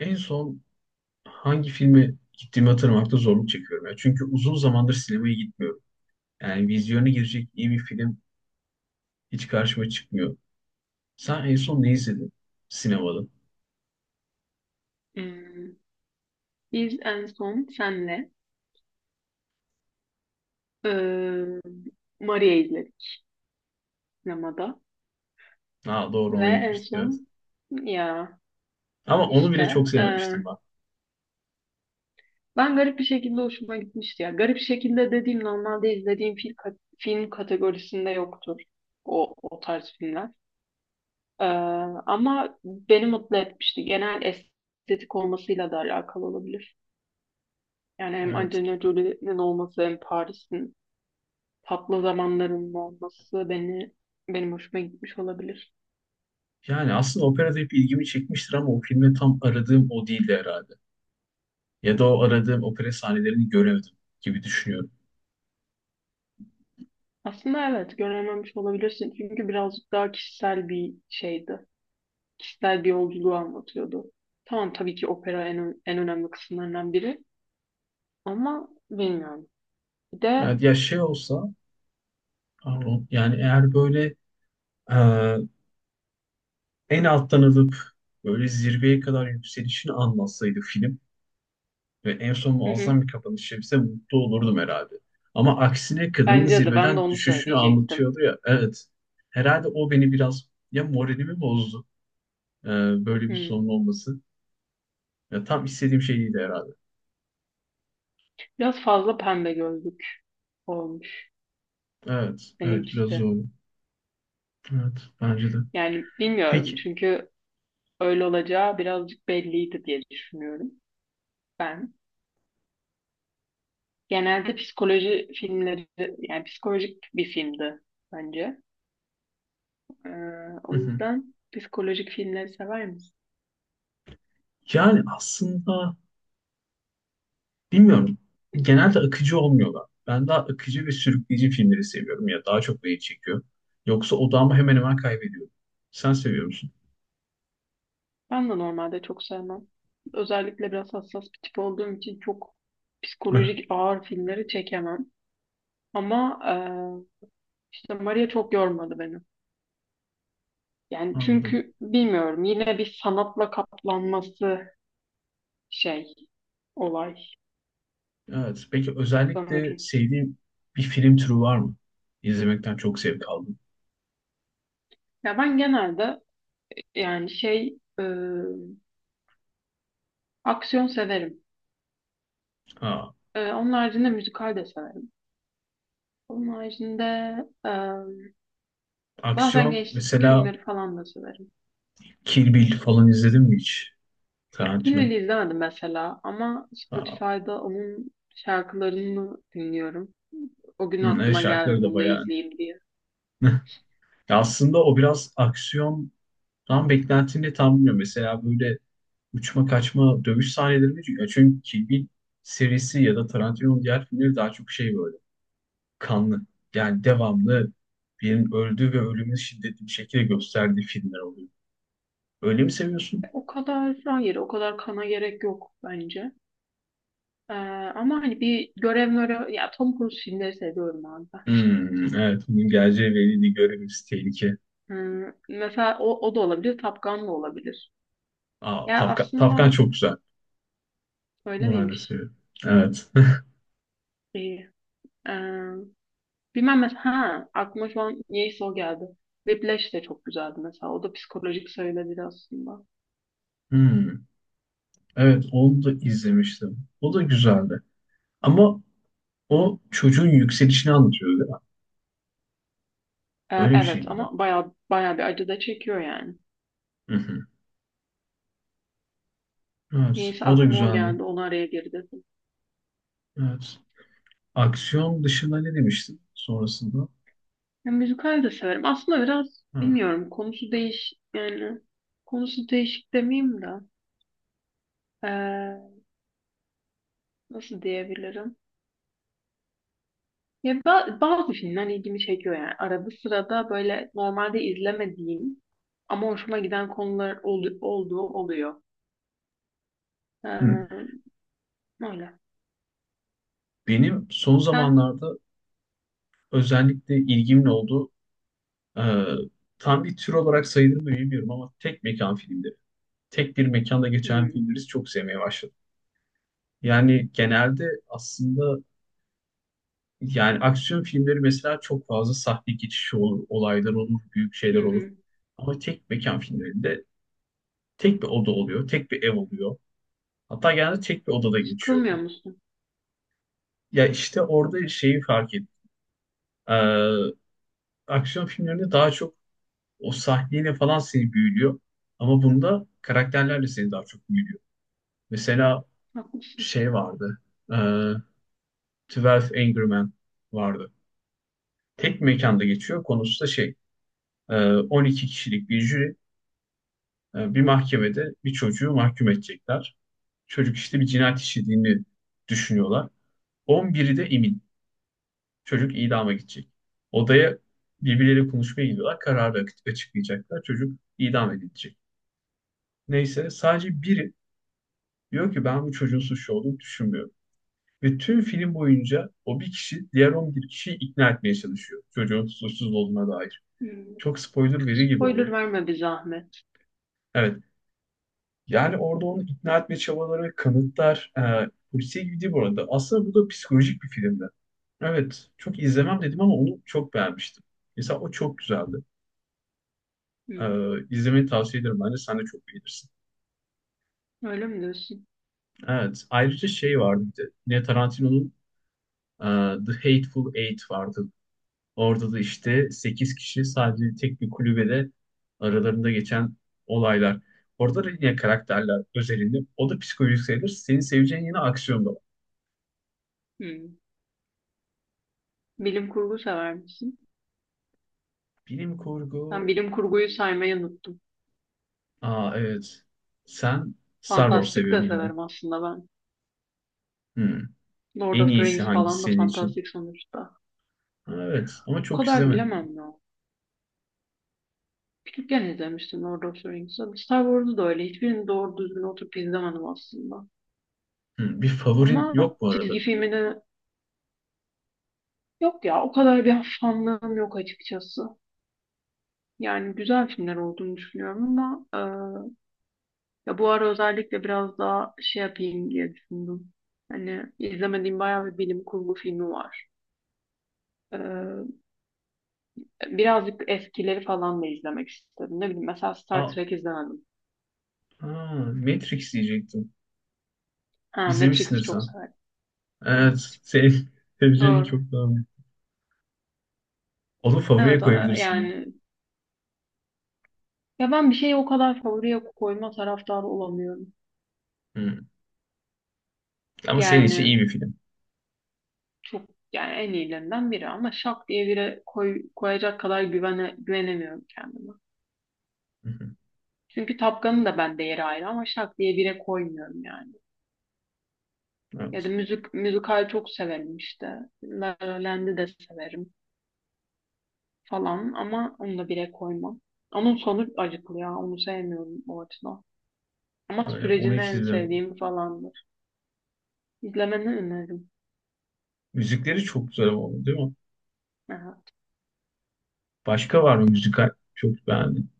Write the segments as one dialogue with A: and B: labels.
A: En son hangi filme gittiğimi hatırlamakta zorluk çekiyorum. Çünkü uzun zamandır sinemaya gitmiyorum. Yani vizyona girecek iyi bir film hiç karşıma çıkmıyor. Sen en son ne izledin sinemada?
B: Ee, biz en son senle e, Maria izledik sinemada
A: Ha, doğru,
B: ve
A: ona
B: en
A: gitmiştik, evet.
B: son ya
A: Ama onu bile
B: işte
A: çok
B: e,
A: sevmemiştim ben.
B: ben garip bir şekilde hoşuma gitmişti ya. Garip şekilde dediğim normalde izlediğim film, film kategorisinde yoktur o tarz filmler. E, ama beni mutlu etmişti. Genel estetik olmasıyla da alakalı olabilir. Yani hem
A: Evet.
B: Angelina Jolie'nin olması hem Paris'in tatlı zamanlarının olması benim hoşuma gitmiş olabilir.
A: Yani aslında operada hep ilgimi çekmiştir ama o filme tam aradığım o değildi herhalde. Ya da o aradığım opera sahnelerini göremedim gibi düşünüyorum.
B: Aslında evet görememiş olabilirsin çünkü birazcık daha kişisel bir şeydi. Kişisel bir yolculuğu anlatıyordu. Tamam, tabii ki opera en önemli kısımlarından biri ama bilmiyorum. Bir de
A: Yani ya şey olsa yani eğer böyle e, en alttan alıp böyle zirveye kadar yükselişini anlatsaydı film ve en son
B: hı hı,
A: muazzam bir kapanış yapsa mutlu olurdum herhalde. Ama aksine kadının
B: bence de ben de
A: zirveden
B: onu
A: düşüşünü
B: söyleyecektim.
A: anlatıyordu ya. Evet. Herhalde o beni biraz ya moralimi bozdu. e, böyle bir
B: Hı.
A: sonun olması. Ya tam istediğim şey değildi herhalde.
B: Biraz fazla pembe gözlük olmuş
A: Evet. Evet. Biraz
B: benimkisi.
A: zor. Evet. Bence de.
B: Yani bilmiyorum
A: Peki.
B: çünkü öyle olacağı birazcık belliydi diye düşünüyorum ben. Genelde psikoloji filmleri, yani psikolojik bir filmdi bence. Ee,
A: Hı
B: o
A: hı.
B: yüzden psikolojik filmleri sever misin?
A: Yani aslında bilmiyorum. Genelde akıcı olmuyorlar. Ben daha akıcı ve sürükleyici filmleri seviyorum ya. Daha çok beni çekiyor. Yoksa odağımı hemen hemen kaybediyorum. Sen seviyor musun?
B: Ben de normalde çok sevmem. Özellikle biraz hassas bir tip olduğum için çok psikolojik ağır filmleri çekemem. Ama işte Maria çok yormadı beni. Yani
A: Anladım.
B: çünkü bilmiyorum yine bir sanatla kaplanması şey, olay
A: Evet. Peki özellikle
B: sanırım.
A: sevdiğin bir film türü var mı? İzlemekten çok zevk aldım.
B: Ya ben genelde yani şey aksiyon severim.
A: Ha,
B: Onun haricinde müzikal de severim. Onun haricinde em, bazen
A: aksiyon
B: gençlik
A: mesela.
B: filmleri falan da severim.
A: Kill Bill falan izledin mi hiç? Tarantino.
B: Kilveli izlemedim mesela ama
A: Ha,
B: Spotify'da onun şarkılarını dinliyorum. O gün
A: hı, evet,
B: aklıma geldi
A: şarkıları da
B: bunu da
A: bayağı.
B: izleyeyim diye.
A: Ya aslında o biraz aksiyondan beklentini tam bilmiyorum. Mesela böyle uçma kaçma dövüş sahneleri mi? Çünkü Kill Bill serisi ya da Tarantino'nun diğer filmleri daha çok şey, böyle kanlı. Yani devamlı birinin öldüğü ve ölümünü şiddetli bir şekilde gösterdiği filmler oluyor. Öyle mi seviyorsun?
B: O kadar hayır, o kadar kana gerek yok bence. Ee, ama hani bir görev mörev, ya Tom Cruise filmleri seviyorum abi, ben.
A: Hmm, evet. Bunun geleceği belli, görevimiz tehlike.
B: Mesela o da olabilir, Top Gun da olabilir.
A: Aa,
B: Ya
A: Tafkan, Tafkan
B: aslında.
A: çok güzel.
B: Öyle
A: Bunu ben de
B: miymiş?
A: seviyorum. Evet.
B: İyi. Ee, bilmem mesela. Ha, aklıma şu an niyeyse o geldi. Whiplash de çok güzeldi mesela. O da psikolojik söyledir aslında.
A: Hmm, evet, onu da izlemiştim. O da güzeldi. Ama o çocuğun yükselişini anlatıyor değil mi?
B: Ee,
A: Öyle bir şey
B: evet
A: miydi?
B: ama bayağı bayağı bir acı da çekiyor yani.
A: Hı hı. Evet.
B: Niyeyse
A: O da
B: aklıma o
A: güzeldi.
B: geldi. Onu araya geri dedim.
A: Evet. Aksiyon dışında ne demiştin sonrasında?
B: Ya, müzikal de severim. Aslında biraz
A: Ha.
B: bilmiyorum. Konusu değiş yani konusu değişik demeyeyim de ee, nasıl diyebilirim? Ya bazı filmler ilgimi çekiyor yani. Arada sırada böyle normalde izlemediğim ama hoşuma giden konular olduğu oluyor.
A: Hı.
B: Ee, öyle.
A: Benim son
B: Sen?
A: zamanlarda özellikle ilgimin olduğu, e, tam bir tür olarak sayılır mı bilmiyorum ama, tek mekan filmleri. Tek bir mekanda geçen
B: Hmm.
A: filmleri çok sevmeye başladım. Yani genelde aslında, yani aksiyon filmleri mesela, çok fazla sahne geçişi olur, olaylar olur, büyük
B: Hı
A: şeyler olur.
B: hı.
A: Ama tek mekan filmlerinde tek bir oda oluyor, tek bir ev oluyor. Hatta genelde tek bir odada geçiyor.
B: Sıkılmıyor musun?
A: Ya işte orada şeyi fark ettim. Ee, aksiyon filmlerinde daha çok o sahneyle falan seni büyülüyor. Ama bunda karakterlerle seni daha çok büyülüyor. Mesela
B: Haklısın.
A: şey vardı. E, 12 Angry Men vardı. Tek mekanda geçiyor. Konusu da şey, e, 12 kişilik bir jüri, bir mahkemede bir çocuğu mahkum edecekler. Çocuk işte bir cinayet işlediğini düşünüyorlar. 11'i de emin. Çocuk idama gidecek. Odaya birbirleriyle konuşmaya gidiyorlar. Kararı açıklayacaklar. Çocuk idam edilecek. Neyse, sadece biri diyor ki ben bu çocuğun suçlu olduğunu düşünmüyorum. Ve tüm film boyunca o bir kişi diğer 11 kişiyi ikna etmeye çalışıyor, çocuğun suçsuz olduğuna dair.
B: Hmm.
A: Çok spoiler veri gibi oldu.
B: Spoiler verme bir zahmet.
A: Evet, yani orada onu ikna etme çabaları, kanıtlar, polisiye gibi değil bu arada. Aslında bu da psikolojik bir filmdi. Evet, çok izlemem dedim ama onu çok beğenmiştim. Mesela o çok güzeldi. E,
B: Hmm.
A: izlemeni tavsiye ederim. Bence sen de çok beğenirsin.
B: Öyle mi diyorsun?
A: Evet, ayrıca şey vardı bir de. Yine Tarantino'nun e, The Hateful Eight vardı. Orada da işte 8 kişi sadece tek bir kulübede aralarında geçen olaylar. Orada da yine karakterler özelinde. O da psikolojik sayılır. Senin seveceğin yine aksiyon da var.
B: Hmm. Bilim kurgu sever misin?
A: Bilim
B: Ben
A: kurgu.
B: bilim kurguyu saymayı unuttum.
A: Aa, evet. Sen Star Wars
B: Fantastik de
A: seviyordun ya.
B: severim aslında ben.
A: Hmm.
B: Lord
A: En
B: of the
A: iyisi
B: Rings
A: hangisi
B: falan da
A: senin için?
B: fantastik sonuçta.
A: Ha, evet, ama
B: O
A: çok
B: kadar
A: izlemedim.
B: bilemem ya. Küçükken izlemiştim Lord of the Rings'i. Star Wars'u da öyle. Hiçbirini doğru düzgün oturup izlemedim aslında.
A: Hmm. Bir favorin
B: Ama
A: yok bu
B: çizgi
A: aralarında.
B: filmini yok ya, o kadar bir fanlığım yok açıkçası. Yani güzel filmler olduğunu düşünüyorum ama ya bu ara özellikle biraz daha şey yapayım diye düşündüm. Hani izlemediğim bayağı bir bilim kurgu filmi var. E, birazcık eskileri falan da izlemek istedim. Ne bileyim, mesela Star
A: Aa,
B: Trek izlemedim.
A: aa, Matrix diyecektim.
B: Ha,
A: İzlemişsindir
B: Matrix'i çok
A: sen.
B: severim. Hı,
A: Evet. Senin seveceğini
B: doğru.
A: çok daha iyi. Onu favoriye
B: Evet
A: koyabilirsin.
B: yani ya ben bir şeyi o kadar favoriye koyma taraftarı olamıyorum.
A: Hmm. Ama senin için iyi
B: Yani
A: bir film.
B: çok yani en iyilerinden biri ama şak diye biri koyacak kadar güvenemiyorum kendime.
A: Hı hı.
B: Çünkü Tapkan'ın da bende yeri ayrı ama şak diye bire koymuyorum yani. Ya da
A: Evet.
B: müzikal çok severim işte. La La Land'i de severim falan ama onu da bire koymam. Onun sonu acıklı ya. Onu sevmiyorum o açıdan. Ama
A: Öyle. Onu
B: sürecini
A: hiç
B: en
A: izlemedim.
B: sevdiğim falandır. İzlemeni öneririm.
A: Müzikleri çok güzel oldu değil mi?
B: Aha.
A: Başka var mı müzikal? Çok beğendim.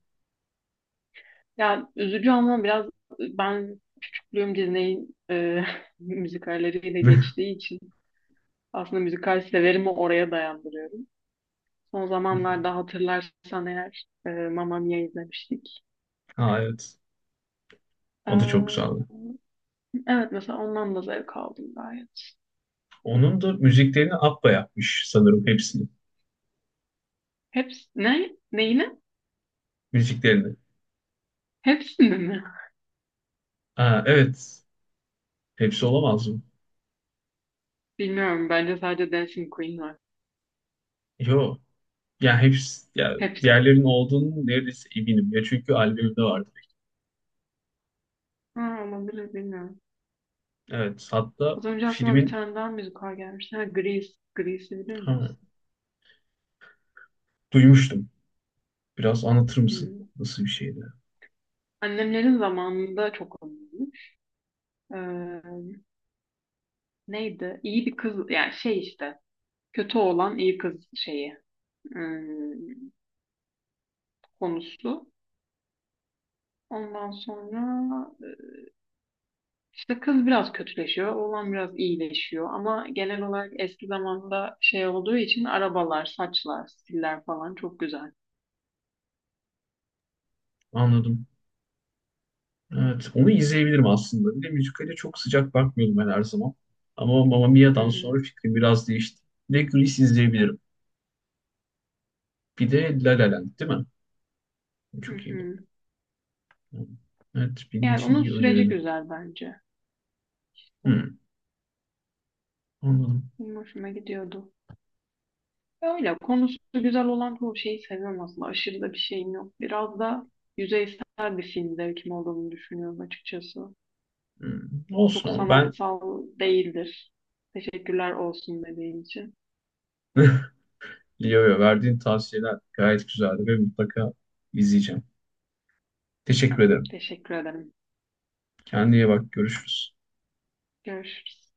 B: Ya üzücü ama biraz ben Bloom Disney'in müzikalleriyle
A: Hı
B: geçtiği için aslında müzikal severimi oraya dayandırıyorum. Son
A: hı.
B: zamanlarda hatırlarsan eğer Mamma Mia izlemiştik.
A: Ha, evet. O da çok
B: E,
A: güzeldi.
B: evet mesela ondan da zevk aldım gayet.
A: Onun da müziklerini Abba yapmış sanırım, hepsini.
B: Hepsi ne? Neyine?
A: Müziklerini.
B: Hepsini mi?
A: Aa, evet. Hepsi olamaz mı?
B: Bilmiyorum. Bence sadece Dancing Queen var.
A: Yo. Ya hepsi, ya
B: Hepsi.
A: diğerlerinin olduğunu neredeyse eminim. Ya çünkü albümde vardı.
B: Ha, olabilir, bilmiyorum.
A: Evet. Hatta
B: Az önce aklıma bir
A: filmin,
B: tane daha müzikal gelmişti. Ha, Grease. Grease'i bilir
A: ha,
B: misin?
A: duymuştum. Biraz anlatır mısın?
B: Hmm.
A: Nasıl bir şeydi?
B: Annemlerin zamanında çok ünlüymüş. Ee, Neydi? İyi bir kız, yani şey işte kötü olan iyi kız şeyi hmm, konusu. Ondan sonra işte kız biraz kötüleşiyor, oğlan biraz iyileşiyor ama genel olarak eski zamanda şey olduğu için arabalar, saçlar, stiller falan çok güzel.
A: Anladım. Evet. Onu izleyebilirim aslında. Bir de müzikale çok sıcak bakmıyordum ben her zaman. Ama Mamma
B: Hı
A: Mia'dan
B: hı,
A: sonra fikrim biraz değişti. Bir de Grease izleyebilirim. Bir de La La Land değil mi?
B: hı
A: Çok iyi.
B: hı.
A: Evet, benim
B: Yani
A: için
B: onun
A: iyi
B: süreci
A: öneride.
B: güzel bence. İşte
A: Hmm, anladım.
B: benim hoşuma gidiyordu. Öyle konusu güzel olan çoğu şeyi seviyorum aslında. Aşırı da bir şeyim yok. Biraz da yüzeysel bir film zevkim olduğunu düşünüyorum açıkçası.
A: Hmm, olsun
B: Çok
A: ama ben
B: sanatsal değildir. Teşekkürler, olsun dediğin için.
A: yo yo, verdiğin tavsiyeler gayet güzeldi ve mutlaka izleyeceğim. Teşekkür
B: Ama
A: ederim.
B: teşekkür ederim.
A: Kendine iyi bak. Görüşürüz.
B: Görüşürüz.